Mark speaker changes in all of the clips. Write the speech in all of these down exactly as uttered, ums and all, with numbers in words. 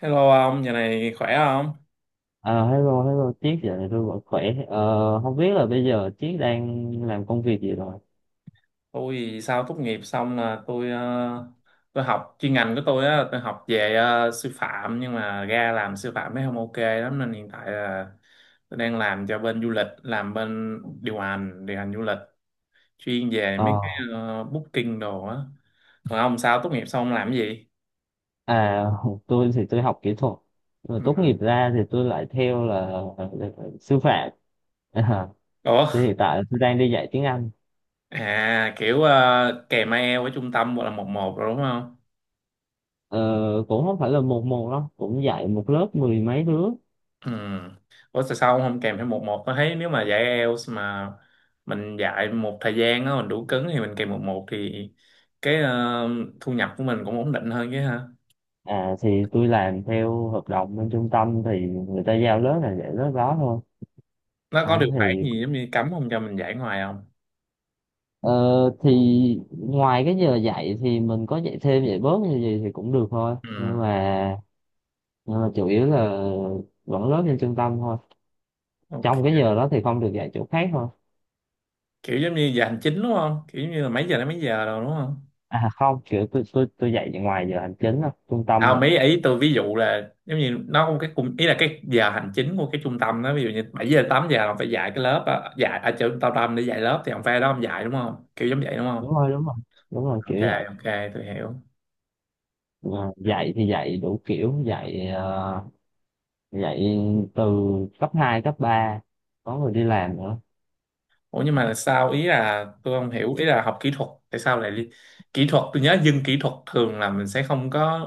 Speaker 1: Hello ông, giờ này khỏe không?
Speaker 2: Ờ, hello, hello, Chiết giờ này tôi vẫn khỏe. Ờ, Không biết là bây giờ Chiết đang làm công việc gì rồi?
Speaker 1: Tôi thì sau tốt nghiệp xong là tôi ờ, tôi học chuyên ngành của tôi á, tôi học về ờ, sư phạm, nhưng mà ra làm sư phạm mới không ok lắm nên hiện tại là tôi đang làm cho bên du lịch, làm bên điều hành, điều hành du lịch, chuyên về mấy
Speaker 2: Ờ,
Speaker 1: cái ờ, booking đồ á. Còn ông sao tốt nghiệp xong ông làm cái gì?
Speaker 2: à, tôi thì tôi học kỹ thuật. Rồi
Speaker 1: Ừ.
Speaker 2: tốt nghiệp ra thì tôi lại theo là, là sư phạm. À,
Speaker 1: Ủa,
Speaker 2: thì hiện tại là tôi đang đi dạy tiếng Anh.
Speaker 1: à kiểu ờ, kèm ai eo ở trung tâm hoặc là một một rồi đúng không?
Speaker 2: Ờ, Cũng không phải là một một đâu, cũng dạy một lớp mười mấy đứa.
Speaker 1: Ừ. Ủa, tại sao ông không kèm thêm một một? Tôi thấy nếu mà dạy ai eo mà mình dạy một thời gian á, mình đủ cứng thì mình kèm một một thì cái ờ, thu nhập của mình cũng ổn định hơn chứ ha.
Speaker 2: À, thì tôi làm theo hợp đồng bên trung tâm thì người ta giao lớp là dạy lớp đó thôi.
Speaker 1: Nó có
Speaker 2: À,
Speaker 1: điều khoản
Speaker 2: thì
Speaker 1: gì giống như cấm không cho mình dạy ngoài không?
Speaker 2: Ờ, thì ngoài cái giờ dạy thì mình có dạy thêm dạy bớt như gì thì cũng được thôi nhưng
Speaker 1: Ừ.
Speaker 2: mà nhưng mà chủ yếu là vẫn lớp trên trung tâm thôi,
Speaker 1: Ok.
Speaker 2: trong cái giờ đó thì không được dạy chỗ khác thôi.
Speaker 1: Kiểu giống như giờ hành chính đúng không? Kiểu giống như là mấy giờ đến mấy giờ rồi đúng không?
Speaker 2: À không, kiểu tôi tôi tôi dạy ngoài giờ hành chính thôi, trung tâm
Speaker 1: À,
Speaker 2: mà.
Speaker 1: mấy ý tôi ví dụ là giống như nó có một cái cùng, ý là cái giờ hành chính của cái trung tâm đó, ví dụ như bảy giờ đến tám giờ là ông phải dạy cái lớp á, dạy ở chỗ trung tâm, để dạy lớp thì ông phải ở đó ông dạy đúng không? Kiểu giống vậy đúng không?
Speaker 2: Đúng rồi đúng rồi đúng rồi
Speaker 1: Ok,
Speaker 2: kiểu dạy.
Speaker 1: ok, tôi hiểu.
Speaker 2: Mà dạy thì dạy đủ kiểu, dạy ờ, dạy từ cấp hai cấp ba, có người đi làm nữa.
Speaker 1: Ủa nhưng mà sao, ý là tôi không hiểu, ý là học kỹ thuật tại sao lại li- kỹ thuật, tôi nhớ dân kỹ thuật thường là mình sẽ không có,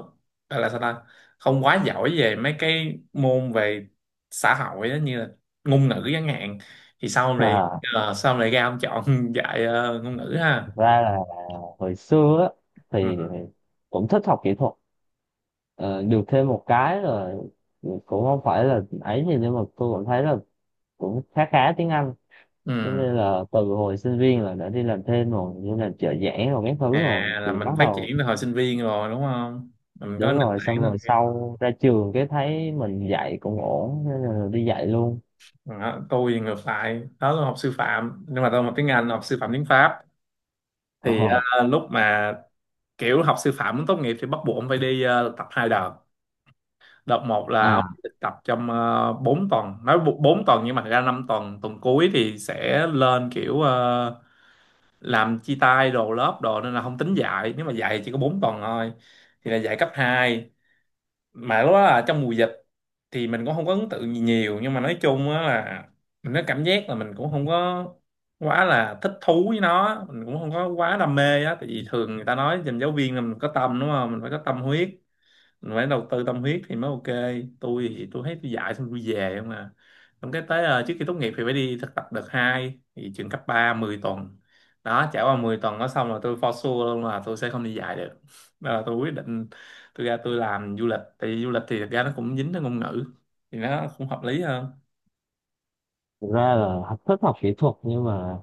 Speaker 1: gọi là sao ta, không quá giỏi về mấy cái môn về xã hội đó, như là ngôn ngữ chẳng hạn, thì sao ông lại
Speaker 2: à,
Speaker 1: ờ, sao ông lại ra ông chọn dạy ờ, ngôn ngữ ha.
Speaker 2: Thực ra là hồi xưa á, thì
Speaker 1: Ừ.
Speaker 2: cũng thích học kỹ thuật. ờ, Được thêm một cái là cũng không phải là ấy gì nhưng mà tôi cảm thấy là cũng khá khá tiếng Anh,
Speaker 1: Ừ.
Speaker 2: cho nên là từ hồi sinh viên là đã đi làm thêm rồi, như là trợ giảng rồi các thứ, rồi
Speaker 1: À, là
Speaker 2: thì bắt
Speaker 1: mình phát
Speaker 2: đầu.
Speaker 1: triển từ hồi sinh viên rồi đúng không, mình có
Speaker 2: Đúng
Speaker 1: nền
Speaker 2: rồi, xong
Speaker 1: tảng
Speaker 2: rồi
Speaker 1: rồi.
Speaker 2: sau ra trường cái thấy mình dạy cũng ổn cho nên là đi dạy luôn.
Speaker 1: Đó, tôi thì ngược lại đó, là học sư phạm nhưng mà tôi học tiếng Anh, học sư phạm tiếng Pháp,
Speaker 2: ờ
Speaker 1: thì ờ, lúc mà kiểu học sư phạm muốn tốt nghiệp thì bắt buộc ông phải đi ờ, tập hai đợt. Đợt một là ông
Speaker 2: à
Speaker 1: được tập trong uh, bốn tuần, nói bu- bốn tuần, nhưng mà thật ra năm tuần, tuần cuối thì sẽ lên kiểu ờ, làm chia tay đồ lớp đồ nên là không tính dạy, nếu mà dạy thì chỉ có bốn tuần thôi, thì là dạy cấp hai. Mà lúc đó là trong mùa dịch thì mình cũng không có ấn tượng gì nhiều, nhưng mà nói chung á là mình có cảm giác là mình cũng không có quá là thích thú với nó, mình cũng không có quá đam mê á, tại vì thường người ta nói dành giáo viên là mình có tâm đúng không, mình phải có tâm huyết, mình phải đầu tư tâm huyết thì mới ok. Tôi thì tôi thấy tôi dạy xong tôi về không à. Xong cái tới ờ, trước khi tốt nghiệp thì phải đi thực tập đợt hai thì trường cấp ba mười tuần. Đó, trải qua mười tuần đó xong là tôi for sure luôn là tôi sẽ không đi dạy được. Đó là tôi quyết định tôi ra tôi làm du lịch, tại vì du lịch thì thực ra nó cũng dính tới ngôn ngữ thì nó cũng hợp lý hơn.
Speaker 2: thực ra là học- thích học kỹ thuật nhưng mà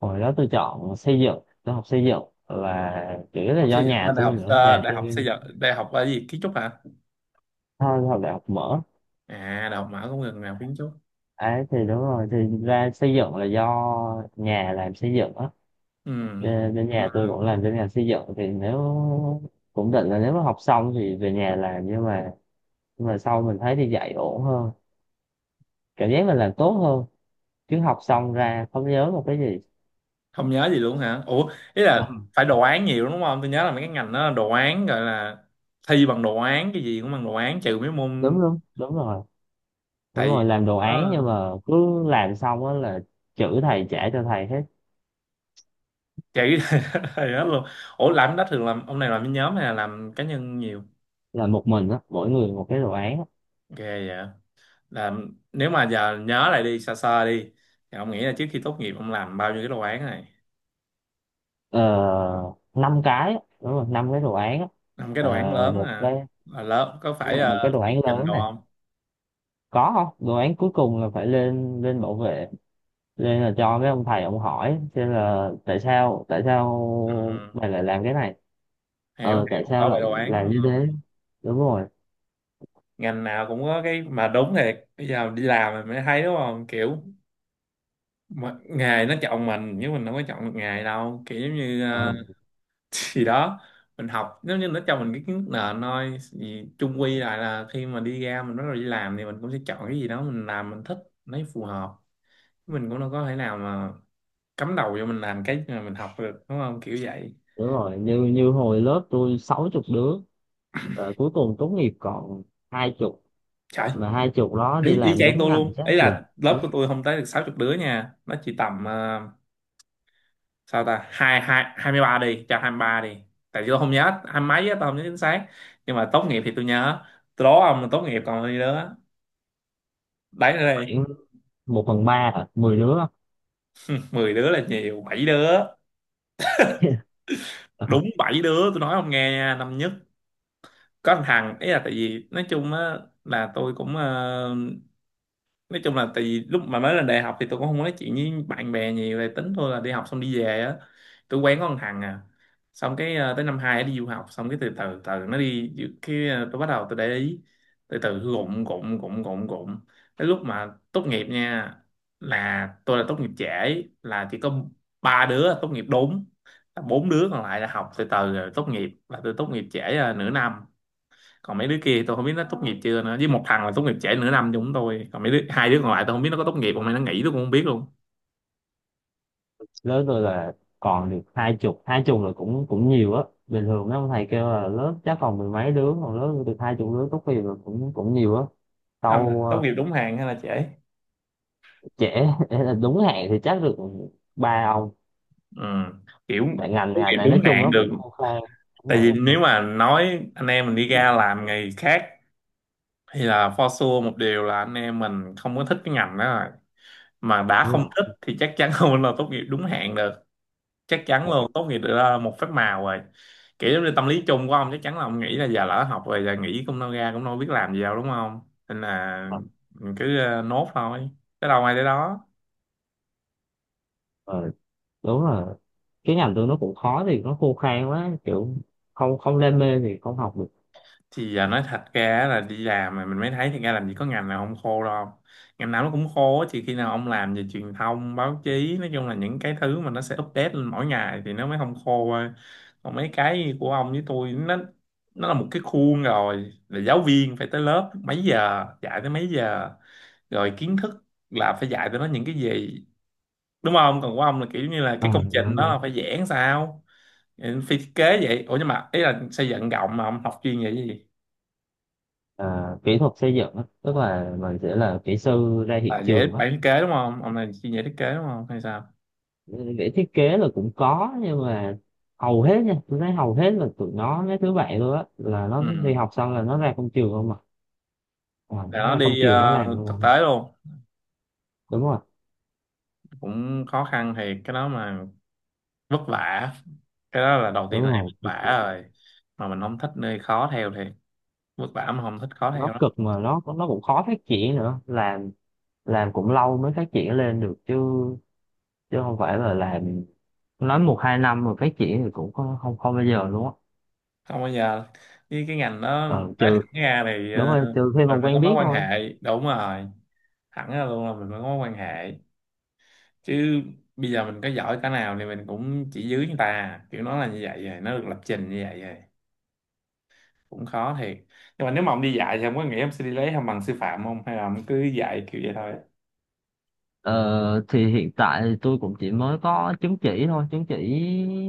Speaker 2: hồi đó tôi chọn xây dựng, tôi học xây dựng là chủ yếu là
Speaker 1: Học
Speaker 2: do
Speaker 1: xây dựng
Speaker 2: nhà
Speaker 1: bên đại
Speaker 2: tôi
Speaker 1: học
Speaker 2: nữa
Speaker 1: ờ,
Speaker 2: nhà
Speaker 1: đại học xây
Speaker 2: tôi
Speaker 1: dựng, đại học là gì, kiến trúc hả?
Speaker 2: thôi học đại học mở.
Speaker 1: À, đại học mở cũng gần nào kiến trúc.
Speaker 2: Ấy thì đúng rồi, thì ra xây dựng là do nhà làm xây dựng á,
Speaker 1: Ừ.
Speaker 2: bên bên nhà tôi cũng làm bên ngành xây dựng. Thì nếu cũng định là nếu mà học xong thì về nhà làm, nhưng mà nhưng mà sau mình thấy đi dạy ổn hơn, cảm giác mình làm tốt hơn, chứ học xong ra không nhớ một cái gì.
Speaker 1: Không nhớ gì luôn hả? Ủa ý
Speaker 2: Ờ,
Speaker 1: là phải đồ án nhiều đúng không, tôi nhớ là mấy cái ngành đó là đồ án, gọi là thi bằng đồ án, cái gì cũng bằng đồ án trừ mấy môn.
Speaker 2: Đúng đúng đúng rồi. Đúng
Speaker 1: Tại vì
Speaker 2: rồi,
Speaker 1: tôi
Speaker 2: làm
Speaker 1: cũng
Speaker 2: đồ án
Speaker 1: có
Speaker 2: nhưng mà cứ làm xong á là chữ thầy trả cho thầy hết.
Speaker 1: chạy thầy hết luôn. Ủa làm cái đó thường làm, ông này làm cái nhóm hay là làm cá nhân nhiều?
Speaker 2: Là một mình á, mỗi người một cái đồ án á.
Speaker 1: Ghê vậy. Làm, nếu mà giờ nhớ lại đi sơ sơ đi, thì ông nghĩ là trước khi tốt nghiệp ông làm bao nhiêu cái đồ án này?
Speaker 2: ờ, Năm cái á, đúng rồi, năm cái đồ án á.
Speaker 1: Làm cái đồ án
Speaker 2: Ờ,
Speaker 1: lớn
Speaker 2: một
Speaker 1: hả?
Speaker 2: cái,
Speaker 1: Là lớn, có
Speaker 2: đúng,
Speaker 1: phải
Speaker 2: là
Speaker 1: ờ,
Speaker 2: một cái đồ
Speaker 1: thuyết
Speaker 2: án
Speaker 1: trình
Speaker 2: lớn
Speaker 1: đồ
Speaker 2: này,
Speaker 1: không?
Speaker 2: có không đồ án cuối cùng là phải lên lên bảo vệ, lên là cho mấy ông thầy ông hỏi xem là tại sao tại sao
Speaker 1: Ừ.
Speaker 2: mày lại làm cái này.
Speaker 1: Hiểu
Speaker 2: Ờ tại
Speaker 1: hiểu,
Speaker 2: sao
Speaker 1: bảo vệ
Speaker 2: lại
Speaker 1: đồ án đúng.
Speaker 2: làm như thế. Đúng rồi.
Speaker 1: Ngành nào cũng có cái mà, đúng thiệt, bây giờ đi làm mình mới thấy đúng không, kiểu mà, nghề nó chọn mình nhưng mình đâu có chọn được nghề đâu, kiểu giống như
Speaker 2: Ờ
Speaker 1: ờ, gì đó. Mình học nếu như nó cho mình cái kiến thức nền thôi thì chung quy lại là khi mà đi ra mình bắt đầu đi làm thì mình cũng sẽ chọn cái gì đó mình làm mình thích, lấy phù hợp. Mình cũng đâu có thể nào mà cắm đầu vô mình làm cái mà mình học được đúng không, kiểu vậy.
Speaker 2: đúng rồi, như như hồi lớp tôi sáu chục đứa, ờ, cuối cùng tốt nghiệp còn hai chục,
Speaker 1: Trời.
Speaker 2: mà hai chục đó đi
Speaker 1: Ý, ý
Speaker 2: làm
Speaker 1: chang
Speaker 2: đúng
Speaker 1: tôi
Speaker 2: ngành
Speaker 1: luôn,
Speaker 2: chắc
Speaker 1: ấy
Speaker 2: được.
Speaker 1: là lớp của
Speaker 2: Đúng,
Speaker 1: tôi không tới được sáu chục đứa nha, nó chỉ tầm ờ, sao ta, hai hai hai mươi ba đi, cho hai mươi ba đi, tại vì tôi không nhớ hai mấy á, tôi không nhớ chính xác. Nhưng mà tốt nghiệp thì tôi nhớ. Tôi đố ông là tốt nghiệp còn bao nhiêu đứa? Đấy nữa đi.
Speaker 2: khoảng một phần ba, à, mười đứa.
Speaker 1: Mười đứa là nhiều, bảy đứa. Đúng, bảy đứa, tôi nói ông nghe nha. Năm nhất, có thằng thằng, ý là tại vì nói chung á là tôi cũng ờ, nói chung là tại vì lúc mà mới lên đại học thì tôi cũng không có nói chuyện với bạn bè nhiều về, tính thôi là đi học xong đi về á. Tôi quen có con thằng à, xong cái ờ, tới năm hai nó đi du học, xong cái từ từ từ nó đi, cái ờ, tôi bắt đầu tôi để ý. Từ từ gụng gụng gụng gụng gụng, tới lúc mà tốt nghiệp nha, là tôi là tốt nghiệp trễ, là chỉ có ba đứa tốt nghiệp đúng, là bốn đứa còn lại là học từ từ rồi tốt nghiệp, là tôi tốt nghiệp trễ ờ, nửa năm. Còn mấy đứa kia tôi không biết nó tốt nghiệp chưa nữa, với một thằng là tốt nghiệp trễ nửa năm chúng tôi, còn mấy đứa, hai đứa còn lại tôi không biết nó có tốt nghiệp không hay nó nghỉ, tôi cũng không biết luôn.
Speaker 2: Lớp tôi là còn được hai chục, hai chục là cũng cũng nhiều á, bình thường mấy ông thầy kêu là lớp chắc còn mười mấy đứa, còn lớp tôi được hai chục đứa tốt nghiệp là cũng cũng nhiều á.
Speaker 1: Năm là
Speaker 2: tâu
Speaker 1: tốt
Speaker 2: ờ,
Speaker 1: nghiệp đúng hạn hay là trễ?
Speaker 2: Trễ. Là đúng hạn thì chắc được ba ông.
Speaker 1: Ừ. Kiểu,
Speaker 2: Tại ngành
Speaker 1: tốt nghiệp
Speaker 2: ngành này
Speaker 1: đúng
Speaker 2: nói chung
Speaker 1: hạn
Speaker 2: nó cũng
Speaker 1: được.
Speaker 2: khô khan. Đúng
Speaker 1: Tại vì
Speaker 2: rồi.
Speaker 1: nếu mà nói anh em mình đi ra làm nghề khác thì là for sure một điều là anh em mình không có thích cái ngành đó rồi, mà đã
Speaker 2: Đúng
Speaker 1: không
Speaker 2: rồi.
Speaker 1: thích thì chắc chắn không là tốt nghiệp đúng hạn được. Chắc chắn
Speaker 2: Ngành nghệ
Speaker 1: luôn tốt nghiệp được ờ, một phép màu rồi. Kiểu giống như tâm lý chung của ông chắc chắn là ông nghĩ là giờ lỡ học rồi, giờ nghỉ cũng đâu ra cũng đâu biết làm gì đâu đúng không, nên là
Speaker 2: thuật.
Speaker 1: mình cứ ờ, nốt thôi, tới đâu ai tới đó.
Speaker 2: Ờ, Đúng rồi, cái ngành tôi nó cũng khó thì nó khô khan quá, kiểu không không đam mê thì không học được.
Speaker 1: Thì à, nói thật ra là đi làm mà mình mới thấy thì ra làm gì có ngành nào không khô đâu. Ngành nào nó cũng khô á, chỉ khi nào ông làm về truyền thông báo chí, nói chung là những cái thứ mà nó sẽ update lên mỗi ngày thì nó mới không khô thôi. Còn mấy cái của ông với tôi nó nó là một cái khuôn rồi, là giáo viên phải tới lớp mấy giờ dạy tới mấy giờ, rồi kiến thức là phải dạy tụi nó những cái gì đúng không, còn của ông là kiểu như là cái
Speaker 2: ờ
Speaker 1: công trình
Speaker 2: đúng
Speaker 1: đó
Speaker 2: đúng
Speaker 1: là phải vẽ sao. Ừ, phi thiết kế vậy. Ủa nhưng mà ý là xây dựng rộng mà ông học chuyên về cái gì?
Speaker 2: Ờ, Kỹ thuật xây dựng á, tức là mình sẽ là kỹ sư ra
Speaker 1: À,
Speaker 2: hiện
Speaker 1: dễ
Speaker 2: trường á.
Speaker 1: bạn thiết kế đúng không? Ông này chuyên dễ thiết kế đúng không? Hay sao?
Speaker 2: Vẽ thiết kế là cũng có nhưng mà hầu hết nha, tôi thấy hầu hết là tụi nó mấy thứ vậy luôn á, là nó đi
Speaker 1: Ừ.
Speaker 2: học xong là nó ra công trường không à. À
Speaker 1: Tại
Speaker 2: nó
Speaker 1: nó
Speaker 2: ra công
Speaker 1: đi
Speaker 2: trường nó
Speaker 1: ờ,
Speaker 2: làm luôn
Speaker 1: thực
Speaker 2: không.
Speaker 1: tế luôn.
Speaker 2: Đúng rồi.
Speaker 1: Cũng khó khăn thì cái đó mà vất vả. Cái đó là đầu
Speaker 2: Đúng
Speaker 1: tiên là
Speaker 2: rồi,
Speaker 1: vất
Speaker 2: cực
Speaker 1: vả
Speaker 2: cực.
Speaker 1: rồi. Mà mình không thích nơi khó theo thì vất vả mà không thích khó
Speaker 2: Nó
Speaker 1: theo đó.
Speaker 2: cực mà nó nó cũng khó phát triển nữa, làm làm cũng lâu mới phát triển lên được chứ, chứ không phải là làm nói một hai năm mà phát triển thì cũng không không, không bao giờ luôn á.
Speaker 1: Không bao giờ. Với cái ngành đó,
Speaker 2: Ờ
Speaker 1: nói
Speaker 2: trừ
Speaker 1: thẳng ra thì
Speaker 2: Đúng
Speaker 1: ờ,
Speaker 2: rồi, trừ khi mà
Speaker 1: mình phải có
Speaker 2: quen
Speaker 1: mối
Speaker 2: biết
Speaker 1: quan
Speaker 2: thôi.
Speaker 1: hệ. Đúng rồi. Thẳng ra luôn là mình phải có mối quan hệ. Chứ bây giờ mình có giỏi cái nào thì mình cũng chỉ dưới người ta. Kiểu nó là như vậy rồi. Nó được lập trình như vậy rồi. Cũng khó thiệt. Nhưng mà nếu mà ông đi dạy thì ông có nghĩ ông sẽ đi lấy không bằng sư phạm không, hay là ông cứ dạy kiểu vậy thôi?
Speaker 2: Ờ, thì hiện tại thì tôi cũng chỉ mới có chứng chỉ thôi, chứng chỉ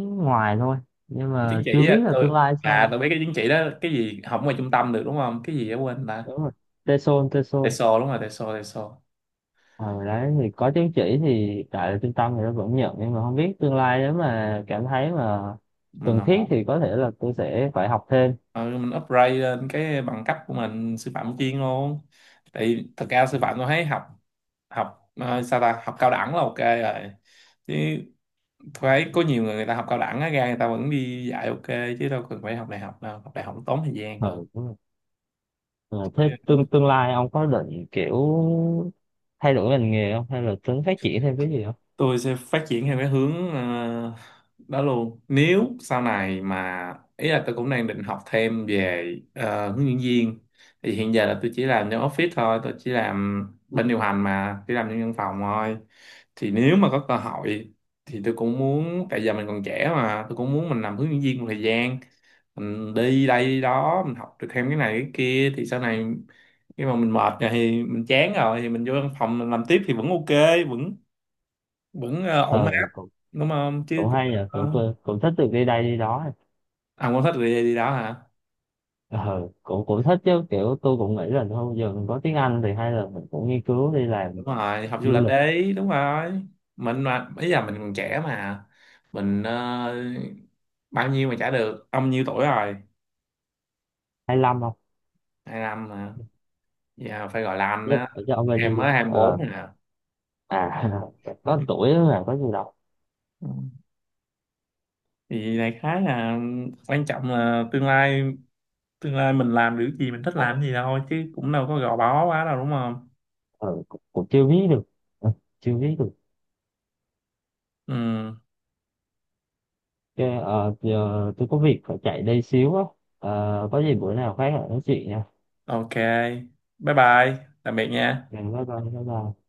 Speaker 2: ngoài thôi. Nhưng
Speaker 1: Cái chứng
Speaker 2: mà chưa
Speaker 1: chỉ á,
Speaker 2: biết là tương
Speaker 1: tôi
Speaker 2: lai
Speaker 1: à
Speaker 2: sao.
Speaker 1: tôi biết cái chứng chỉ đó, cái gì học ngoài trung tâm được đúng không, cái gì đó quên ta.
Speaker 2: Đúng rồi. tê sồ, tê sồ.
Speaker 1: TESOL, đúng rồi, TESOL, TESOL.
Speaker 2: Ờ, Đấy thì có chứng chỉ thì tại là trung tâm thì nó vẫn nhận, nhưng mà không biết tương lai nếu mà cảm thấy mà
Speaker 1: Mình
Speaker 2: cần thiết
Speaker 1: học,
Speaker 2: thì có thể là tôi sẽ phải học thêm.
Speaker 1: ừ, mình upgrade lên cái bằng cấp của mình sư phạm chuyên luôn. Tại vì thật ra sư phạm tôi thấy học, học ờ, sao ta, học cao đẳng là ok rồi. Chứ tôi thấy có nhiều người, người ta học cao đẳng á ra người ta vẫn đi dạy ok, chứ đâu cần phải học đại học đâu, học đại học tốn thời gian
Speaker 2: Ừ,
Speaker 1: hơn.
Speaker 2: đúng rồi. Ờ, Thế tương tương lai ông có định kiểu thay đổi ngành nghề không hay là tính phát triển thêm cái gì không?
Speaker 1: Tôi sẽ phát triển theo cái hướng ờ, đó luôn, nếu sau này mà ý là tôi cũng đang định học thêm về ờ, hướng dẫn viên. Thì hiện giờ là tôi chỉ làm trong office thôi, tôi chỉ làm bên điều hành mà chỉ làm trong văn phòng thôi. Thì nếu mà có cơ hội thì tôi cũng muốn, tại giờ mình còn trẻ mà, tôi cũng muốn mình làm hướng dẫn viên một thời gian, mình đi đây đi đó mình học được thêm cái này cái kia thì sau này khi mà mình mệt rồi thì mình chán rồi thì mình vô văn phòng mình làm tiếp thì vẫn ok, vẫn vẫn ờ, ổn áp.
Speaker 2: Ừ, cũng
Speaker 1: Đúng không chứ
Speaker 2: cũng
Speaker 1: cũng
Speaker 2: hay nhờ,
Speaker 1: ờ,
Speaker 2: cũng cũng thích được đi đây đi đó.
Speaker 1: à, muốn thích đi đi đó hả?
Speaker 2: Ờ cũng cũng thích chứ, kiểu tôi cũng nghĩ là thôi giờ mình có tiếng Anh thì hay là mình cũng nghiên cứu đi làm
Speaker 1: Đúng rồi, học du
Speaker 2: du
Speaker 1: lịch
Speaker 2: lịch.
Speaker 1: đấy, đúng rồi. Mình mà bây giờ mình còn trẻ mà mình ờ, bao nhiêu mà trả được, ông nhiêu tuổi rồi?
Speaker 2: Hay lăm không.
Speaker 1: Hai năm mà giờ phải gọi là anh
Speaker 2: Chứ
Speaker 1: á,
Speaker 2: ở cho ông bao nhiêu
Speaker 1: em
Speaker 2: đi.
Speaker 1: mới
Speaker 2: ờ
Speaker 1: hai mươi bốn nè.
Speaker 2: à có tuổi là có gì đâu.
Speaker 1: Ừ. Thì đại khái là quan trọng là tương lai, tương lai mình làm được gì mình thích làm gì thôi chứ cũng đâu có gò bó quá đâu đúng không.
Speaker 2: Ờ cũng, cũng chưa biết được. Ờ, Chưa biết được.
Speaker 1: Ừ.
Speaker 2: Cái, ờ, giờ tôi có việc phải chạy đây xíu á, ờ, có gì bữa nào khác lại nói chuyện nha.
Speaker 1: Ok. Bye bye, tạm biệt nha.
Speaker 2: Bye bye. Bye bye.